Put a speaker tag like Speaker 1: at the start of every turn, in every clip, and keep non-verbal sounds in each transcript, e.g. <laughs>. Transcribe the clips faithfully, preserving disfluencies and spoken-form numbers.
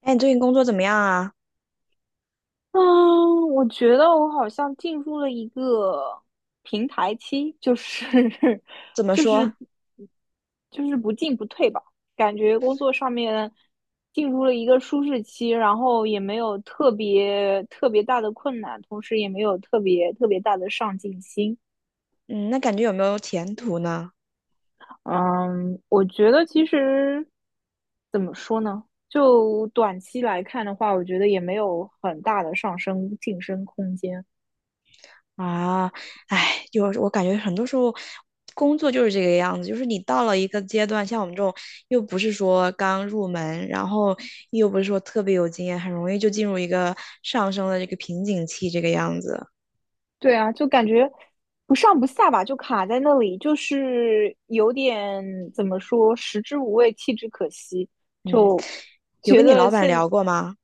Speaker 1: 哎，你最近工作怎么样啊？
Speaker 2: 嗯，我觉得我好像进入了一个平台期，就是 <laughs>
Speaker 1: 怎么
Speaker 2: 就
Speaker 1: 说？
Speaker 2: 是就是不进不退吧，感觉工作上面进入了一个舒适期，然后也没有特别特别大的困难，同时也没有特别特别大的上进心。
Speaker 1: 嗯，那感觉有没有前途呢？
Speaker 2: 嗯，我觉得其实怎么说呢？就短期来看的话，我觉得也没有很大的上升晋升空间。
Speaker 1: 啊，哎，就是我感觉很多时候工作就是这个样子，就是你到了一个阶段，像我们这种又不是说刚入门，然后又不是说特别有经验，很容易就进入一个上升的这个瓶颈期，这个样子。
Speaker 2: 对啊，就感觉不上不下吧，就卡在那里，就是有点怎么说，食之无味，弃之可惜。
Speaker 1: 嗯，
Speaker 2: 就
Speaker 1: 有
Speaker 2: 觉
Speaker 1: 跟你老
Speaker 2: 得
Speaker 1: 板
Speaker 2: 现
Speaker 1: 聊过吗？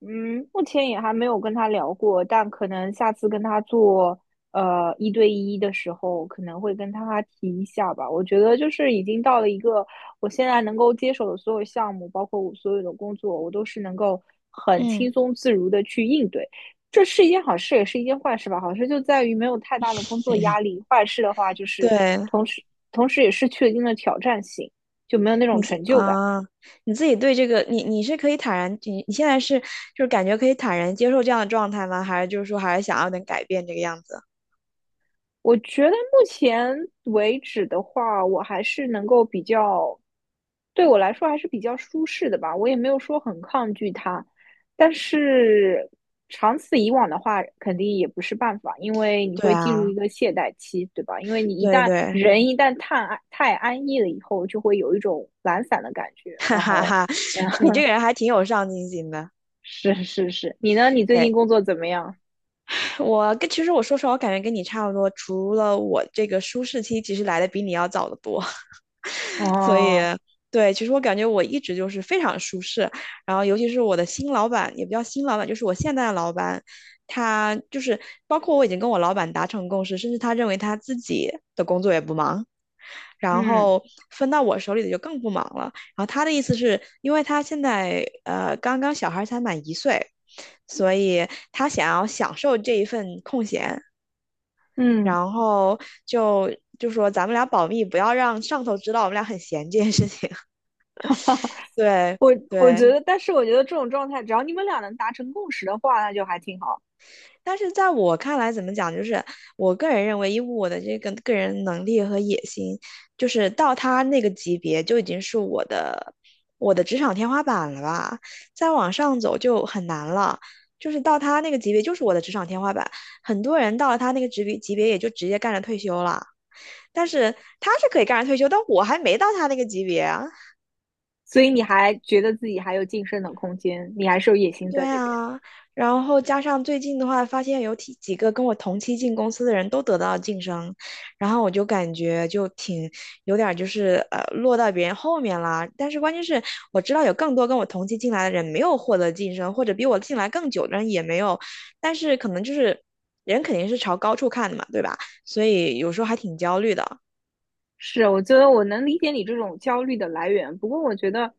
Speaker 2: 嗯，目前也还没有跟他聊过，但可能下次跟他做呃一对一的时候，可能会跟他提一下吧。我觉得就是已经到了一个我现在能够接手的所有项目，包括我所有的工作，我都是能够很轻
Speaker 1: 嗯，
Speaker 2: 松自如的去应对。这是一件好事，也是一件坏事吧。好事就在于没有太大的工作压力，坏事的话就是
Speaker 1: 对。
Speaker 2: 同时同时也是确定了挑战性，就没有那种
Speaker 1: 你自
Speaker 2: 成就感。
Speaker 1: 啊，你自己对这个，你你是可以坦然，你你现在是就是感觉可以坦然接受这样的状态吗？还是就是说还是想要能改变这个样子？
Speaker 2: 我觉得目前为止的话，我还是能够比较，对我来说还是比较舒适的吧。我也没有说很抗拒它，但是长此以往的话，肯定也不是办法，因为你
Speaker 1: 对
Speaker 2: 会进入一
Speaker 1: 啊，
Speaker 2: 个懈怠期，对吧？因为你一
Speaker 1: 对
Speaker 2: 旦
Speaker 1: 对，
Speaker 2: 人一旦太安太安逸了以后，就会有一种懒散的感觉。
Speaker 1: <laughs> 哈
Speaker 2: 然
Speaker 1: 哈
Speaker 2: 后
Speaker 1: 哈，你这个人还挺有上进心的。
Speaker 2: 是是是，你呢？你最近
Speaker 1: 哎，
Speaker 2: 工作怎么样？
Speaker 1: 我跟其实我说实话，我感觉跟你差不多，除了我这个舒适期其实来的比你要早得多。所以，
Speaker 2: 哦，
Speaker 1: 对，其实我感觉我一直就是非常舒适。然后，尤其是我的新老板，也不叫新老板，就是我现在的老板，他就是包括我已经跟我老板达成共识，甚至他认为他自己的工作也不忙，然
Speaker 2: 嗯
Speaker 1: 后分到我手里的就更不忙了。然后他的意思是，因为他现在呃刚刚小孩才满一岁，所以他想要享受这一份空闲，
Speaker 2: 嗯。
Speaker 1: 然后就就说咱们俩保密，不要让上头知道我们俩很闲这件事情。对
Speaker 2: 我我觉
Speaker 1: 对，
Speaker 2: 得，但是我觉得这种状态，只要你们俩能达成共识的话，那就还挺好。
Speaker 1: 但是在我看来，怎么讲，就是我个人认为，以我的这个个人能力和野心，就是到他那个级别就已经是我的我的职场天花板了吧，再往上走就很难了。就是到他那个级别，就是我的职场天花板。很多人到了他那个职别级别，也就直接干着退休了。但是他是可以干着退休，但我还没到他那个级别啊。
Speaker 2: 所以你还觉得自己还有晋升的空间，你还是有野心
Speaker 1: 对
Speaker 2: 在那边。
Speaker 1: 啊，然后加上最近的话，发现有几几个跟我同期进公司的人都得到了晋升，然后我就感觉就挺有点儿就是呃落到别人后面啦。但是关键是我知道有更多跟我同期进来的人没有获得晋升，或者比我进来更久的人也没有，但是可能就是人肯定是朝高处看的嘛，对吧？所以有时候还挺焦虑的。
Speaker 2: 是，我觉得我能理解你这种焦虑的来源。不过，我觉得，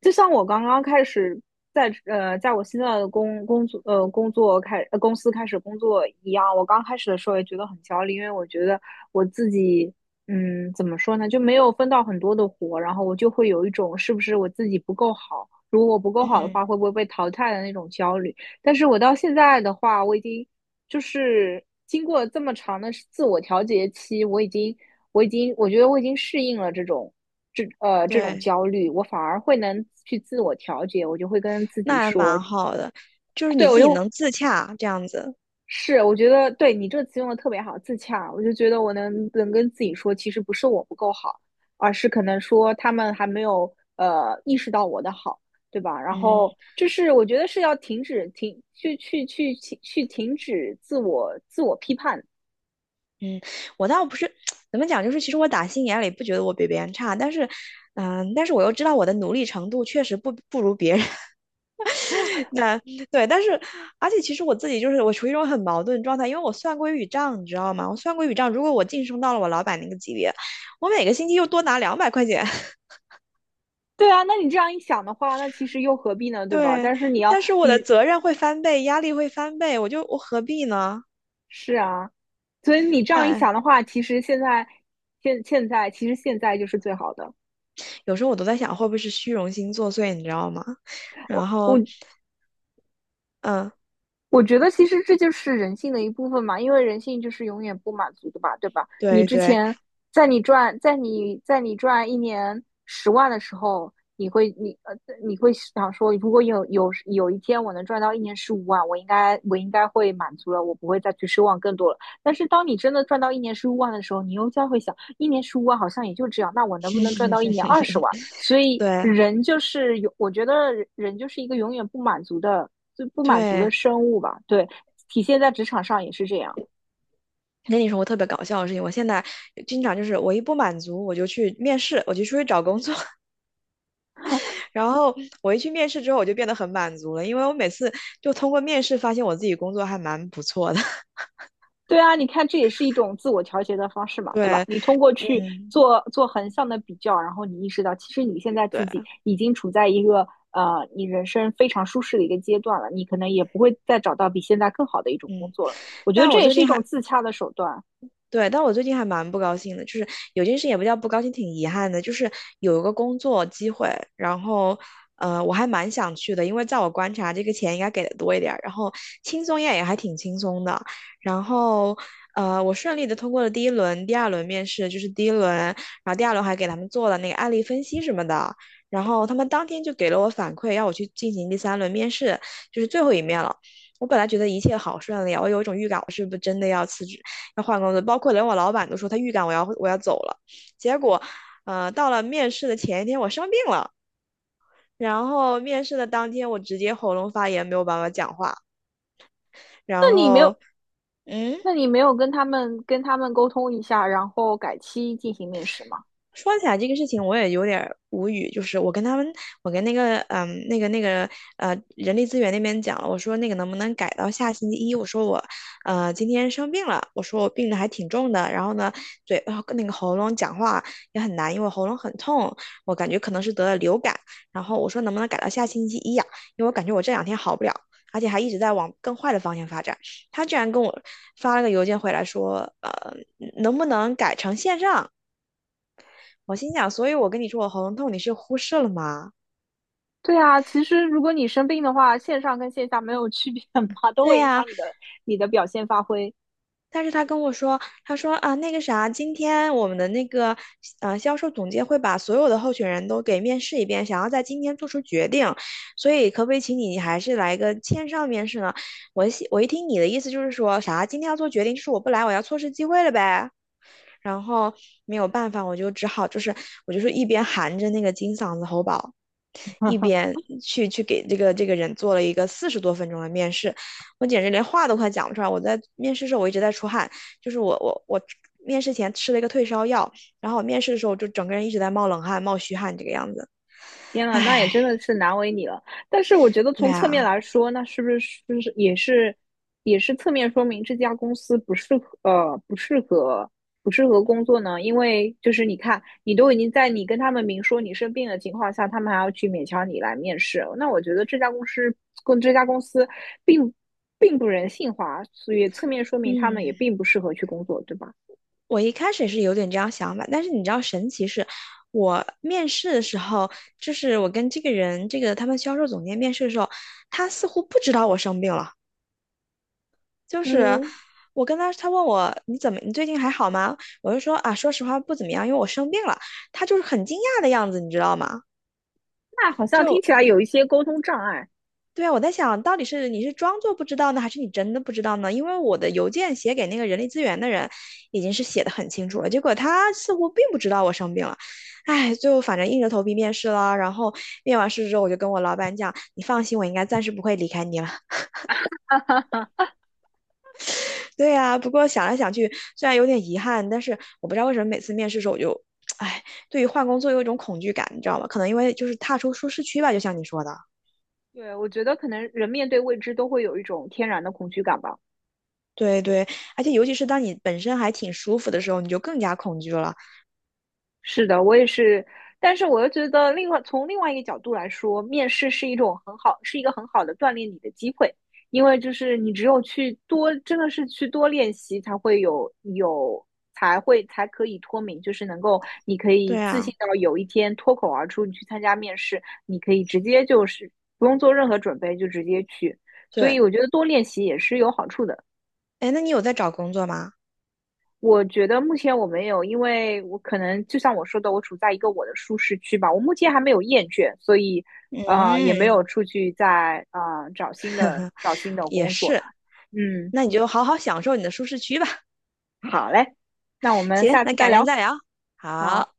Speaker 2: 就像我刚刚开始在呃，在我现在的工工作呃工作开呃公司开始工作一样，我刚开始的时候也觉得很焦虑，因为我觉得我自己嗯怎么说呢，就没有分到很多的活，然后我就会有一种是不是我自己不够好，如果我不够好的
Speaker 1: 嗯，
Speaker 2: 话，会不会被淘汰的那种焦虑。但是我到现在的话，我已经就是经过这么长的自我调节期，我已经。我已经我觉得我已经适应了这种这呃这种
Speaker 1: 对，
Speaker 2: 焦虑，我反而会能去自我调节，我就会跟自己
Speaker 1: 那还
Speaker 2: 说，
Speaker 1: 蛮好的，就是
Speaker 2: 对。
Speaker 1: 你
Speaker 2: 我
Speaker 1: 自己
Speaker 2: 就
Speaker 1: 能自洽这样子。
Speaker 2: 是我觉得对你这个词用的特别好，自洽，我就觉得我能能跟自己说，其实不是我不够好，而是可能说他们还没有呃意识到我的好，对吧？然
Speaker 1: 嗯。
Speaker 2: 后。就是我觉得是要停止停去去去去去停止自我自我批判，
Speaker 1: 嗯，我倒不是 <tsk> 怎么讲，就是其实我打心眼里不觉得我比别人差，但是，嗯、但是我又知道我的努力程度确实不不如别人。<laughs> 那对，但是而且其实我自己就是我处于一种很矛盾状态，因为我算过一笔账，你知道吗？我算过一笔账，如果我晋升到了我老板那个级别，我每个星期又多拿两百块钱，<laughs>
Speaker 2: 对啊，那你这样一想的话，那其实又何必呢，对吧？
Speaker 1: 对，
Speaker 2: 但是你要
Speaker 1: 但是我的
Speaker 2: 你
Speaker 1: 责任会翻倍，压力会翻倍，我就我何必呢？
Speaker 2: 是啊，所以你这样一
Speaker 1: 哎，
Speaker 2: 想的话，其实现在现现在其实现在就是最好的。
Speaker 1: 有时候我都在想，会不会是虚荣心作祟，你知道吗？然后，
Speaker 2: 我
Speaker 1: 嗯，
Speaker 2: 我觉得其实这就是人性的一部分嘛，因为人性就是永远不满足的吧，对吧？你
Speaker 1: 对
Speaker 2: 之
Speaker 1: 对
Speaker 2: 前在你赚在你在你赚一年十万的时候，你会你呃你会想说，如果有有有一天我能赚到一年十五万，我应该我应该会满足了，我不会再去奢望更多了。但是当你真的赚到一年十五万的时候，你又将会想，一年十五万好像也就这样，那我能不能赚到一年二十万？所以
Speaker 1: 对，
Speaker 2: 人就是有，我觉得人就是一个永远不满足的，就不满足的
Speaker 1: 对，
Speaker 2: 生物吧。对，体现在职场上也是这样。
Speaker 1: 跟你说我特别搞笑的事情，我现在经常就是我一不满足，我就去面试，我就出去找工作，<laughs> 然后我一去面试之后，我就变得很满足了，因为我每次就通过面试发现我自己工作还蛮不错的。<laughs>
Speaker 2: 对啊，你看这也是一种自我调节的方式嘛，对吧？
Speaker 1: 对，
Speaker 2: 你通过去
Speaker 1: 嗯，
Speaker 2: 做做横向的比较，然后你意识到，其实你现在自
Speaker 1: 对，
Speaker 2: 己已经处在一个呃你人生非常舒适的一个阶段了，你可能也不会再找到比现在更好的一种工
Speaker 1: 嗯，
Speaker 2: 作了。我觉得
Speaker 1: 但
Speaker 2: 这
Speaker 1: 我
Speaker 2: 也
Speaker 1: 最
Speaker 2: 是一
Speaker 1: 近
Speaker 2: 种
Speaker 1: 还
Speaker 2: 自洽的手段。
Speaker 1: 对，但我最近还蛮不高兴的，就是有件事也不叫不高兴，挺遗憾的，就是有一个工作机会，然后呃，我还蛮想去的，因为在我观察，这个钱应该给的多一点儿，然后轻松也也还挺轻松的，然后呃，我顺利的通过了第一轮、第二轮面试，就是第一轮，然后第二轮还给他们做了那个案例分析什么的，然后他们当天就给了我反馈，要我去进行第三轮面试，就是最后一面了。我本来觉得一切好顺利啊，我有一种预感，我是不是真的要辞职？要换工作，包括连我老板都说他预感我要我要走了。结果，呃，到了面试的前一天，我生病了，然后面试的当天我直接喉咙发炎，没有办法讲话，
Speaker 2: 那
Speaker 1: 然
Speaker 2: 你没
Speaker 1: 后，
Speaker 2: 有，
Speaker 1: 嗯。
Speaker 2: 那你没有跟他们跟他们沟通一下，然后改期进行面试吗？
Speaker 1: 说起来这个事情，我也有点儿无语。就是我跟他们，我跟那个嗯，那个那个呃，人力资源那边讲了，我说那个能不能改到下星期一？我说我呃今天生病了，我说我病的还挺重的，然后呢，嘴呃那个喉咙讲话也很难，因为我喉咙很痛，我感觉可能是得了流感。然后我说能不能改到下星期一呀、因为我感觉我这两天好不了。而且还一直在往更坏的方向发展，他居然跟我发了个邮件回来说，呃，能不能改成线上？我心想，所以我跟你说我喉咙痛，你是忽视了吗？
Speaker 2: 对啊，其实如果你生病的话，线上跟线下没有区别嘛，都
Speaker 1: 对
Speaker 2: 会影
Speaker 1: 呀，
Speaker 2: 响你的你的表现发挥。
Speaker 1: 但是他跟我说，他说啊，那个啥，今天我们的那个呃销售总监会把所有的候选人都给面试一遍，想要在今天做出决定，所以可不可以请你，你还是来个线上面试呢？我一我一听你的意思就是说啥，今天要做决定，就是我不来，我要错失机会了呗。然后没有办法，我就只好就是我就是一边含着那个金嗓子喉宝，一边去去给这个这个人做了一个四十多分钟的面试，我简直连话都快讲不出来。我在面试的时候我一直在出汗，就是我我我面试前吃了一个退烧药，然后我面试的时候就整个人一直在冒冷汗、冒虚汗这个样子。
Speaker 2: 天呐，那也
Speaker 1: 唉，
Speaker 2: 真的是难为你了。但是我觉得
Speaker 1: 对
Speaker 2: 从侧面
Speaker 1: 啊，
Speaker 2: 来说，那是不是是不是也是也是侧面说明这家公司不适合呃不适合不适合工作呢？因为就是你看，你都已经在你跟他们明说你生病的情况下，他们还要去勉强你来面试，那我觉得这家公司跟这家公司并并不人性化，所以侧面说明他们
Speaker 1: 嗯，
Speaker 2: 也并不适合去工作，对吧？
Speaker 1: 我一开始也是有点这样想法，但是你知道神奇是。我面试的时候，就是我跟这个人，这个他们销售总监面试的时候，他似乎不知道我生病了。就是
Speaker 2: 嗯，
Speaker 1: 我跟他，他问我你怎么，你最近还好吗？我就说啊，说实话不怎么样，因为我生病了。他就是很惊讶的样子，你知道吗？
Speaker 2: 那好像听
Speaker 1: 就
Speaker 2: 起来有一些沟通障碍。
Speaker 1: 对啊，我在想到底是你是装作不知道呢，还是你真的不知道呢？因为我的邮件写给那个人力资源的人已经是写的很清楚了，结果他似乎并不知道我生病了。唉，最后反正硬着头皮面试了，然后面完试之后，我就跟我老板讲，你放心，我应该暂时不会离开你了。对呀，不过想来想去，虽然有点遗憾，但是我不知道为什么每次面试的时候我就，<tsk> 哎，对于换工作有一种恐惧感，你知道吗？可能因为就是踏出舒适区吧，就像你说的，
Speaker 2: 对，我觉得可能人面对未知都会有一种天然的恐惧感吧。
Speaker 1: 对对，而且尤其是当你本身还挺舒服的时候，你就更加恐惧了。
Speaker 2: 是的，我也是，但是我又觉得另外从另外一个角度来说，面试是一种很好，是一个很好的锻炼你的机会，因为就是你只有去多，真的是去多练习，才会有有才会才可以脱敏，就是能够你可以
Speaker 1: 对
Speaker 2: 自信
Speaker 1: 啊，
Speaker 2: 到有一天脱口而出，你去参加面试，你可以直接就是不用做任何准备就直接去，所
Speaker 1: 对，
Speaker 2: 以我觉得多练习也是有好处的。
Speaker 1: 哎，那你有在找工作吗？
Speaker 2: 我觉得目前我没有，因为我可能就像我说的，我处在一个我的舒适区吧。我目前还没有厌倦，所以啊，也没
Speaker 1: 嗯，
Speaker 2: 有出去再啊找新的找新的
Speaker 1: 也
Speaker 2: 工作。
Speaker 1: 是，
Speaker 2: 嗯，
Speaker 1: 那你就好好享受你的舒适区吧。
Speaker 2: 好嘞，那我
Speaker 1: <laughs>
Speaker 2: 们
Speaker 1: 行，
Speaker 2: 下
Speaker 1: 那
Speaker 2: 次再
Speaker 1: 改天
Speaker 2: 聊。
Speaker 1: 再聊。
Speaker 2: 好。
Speaker 1: 好。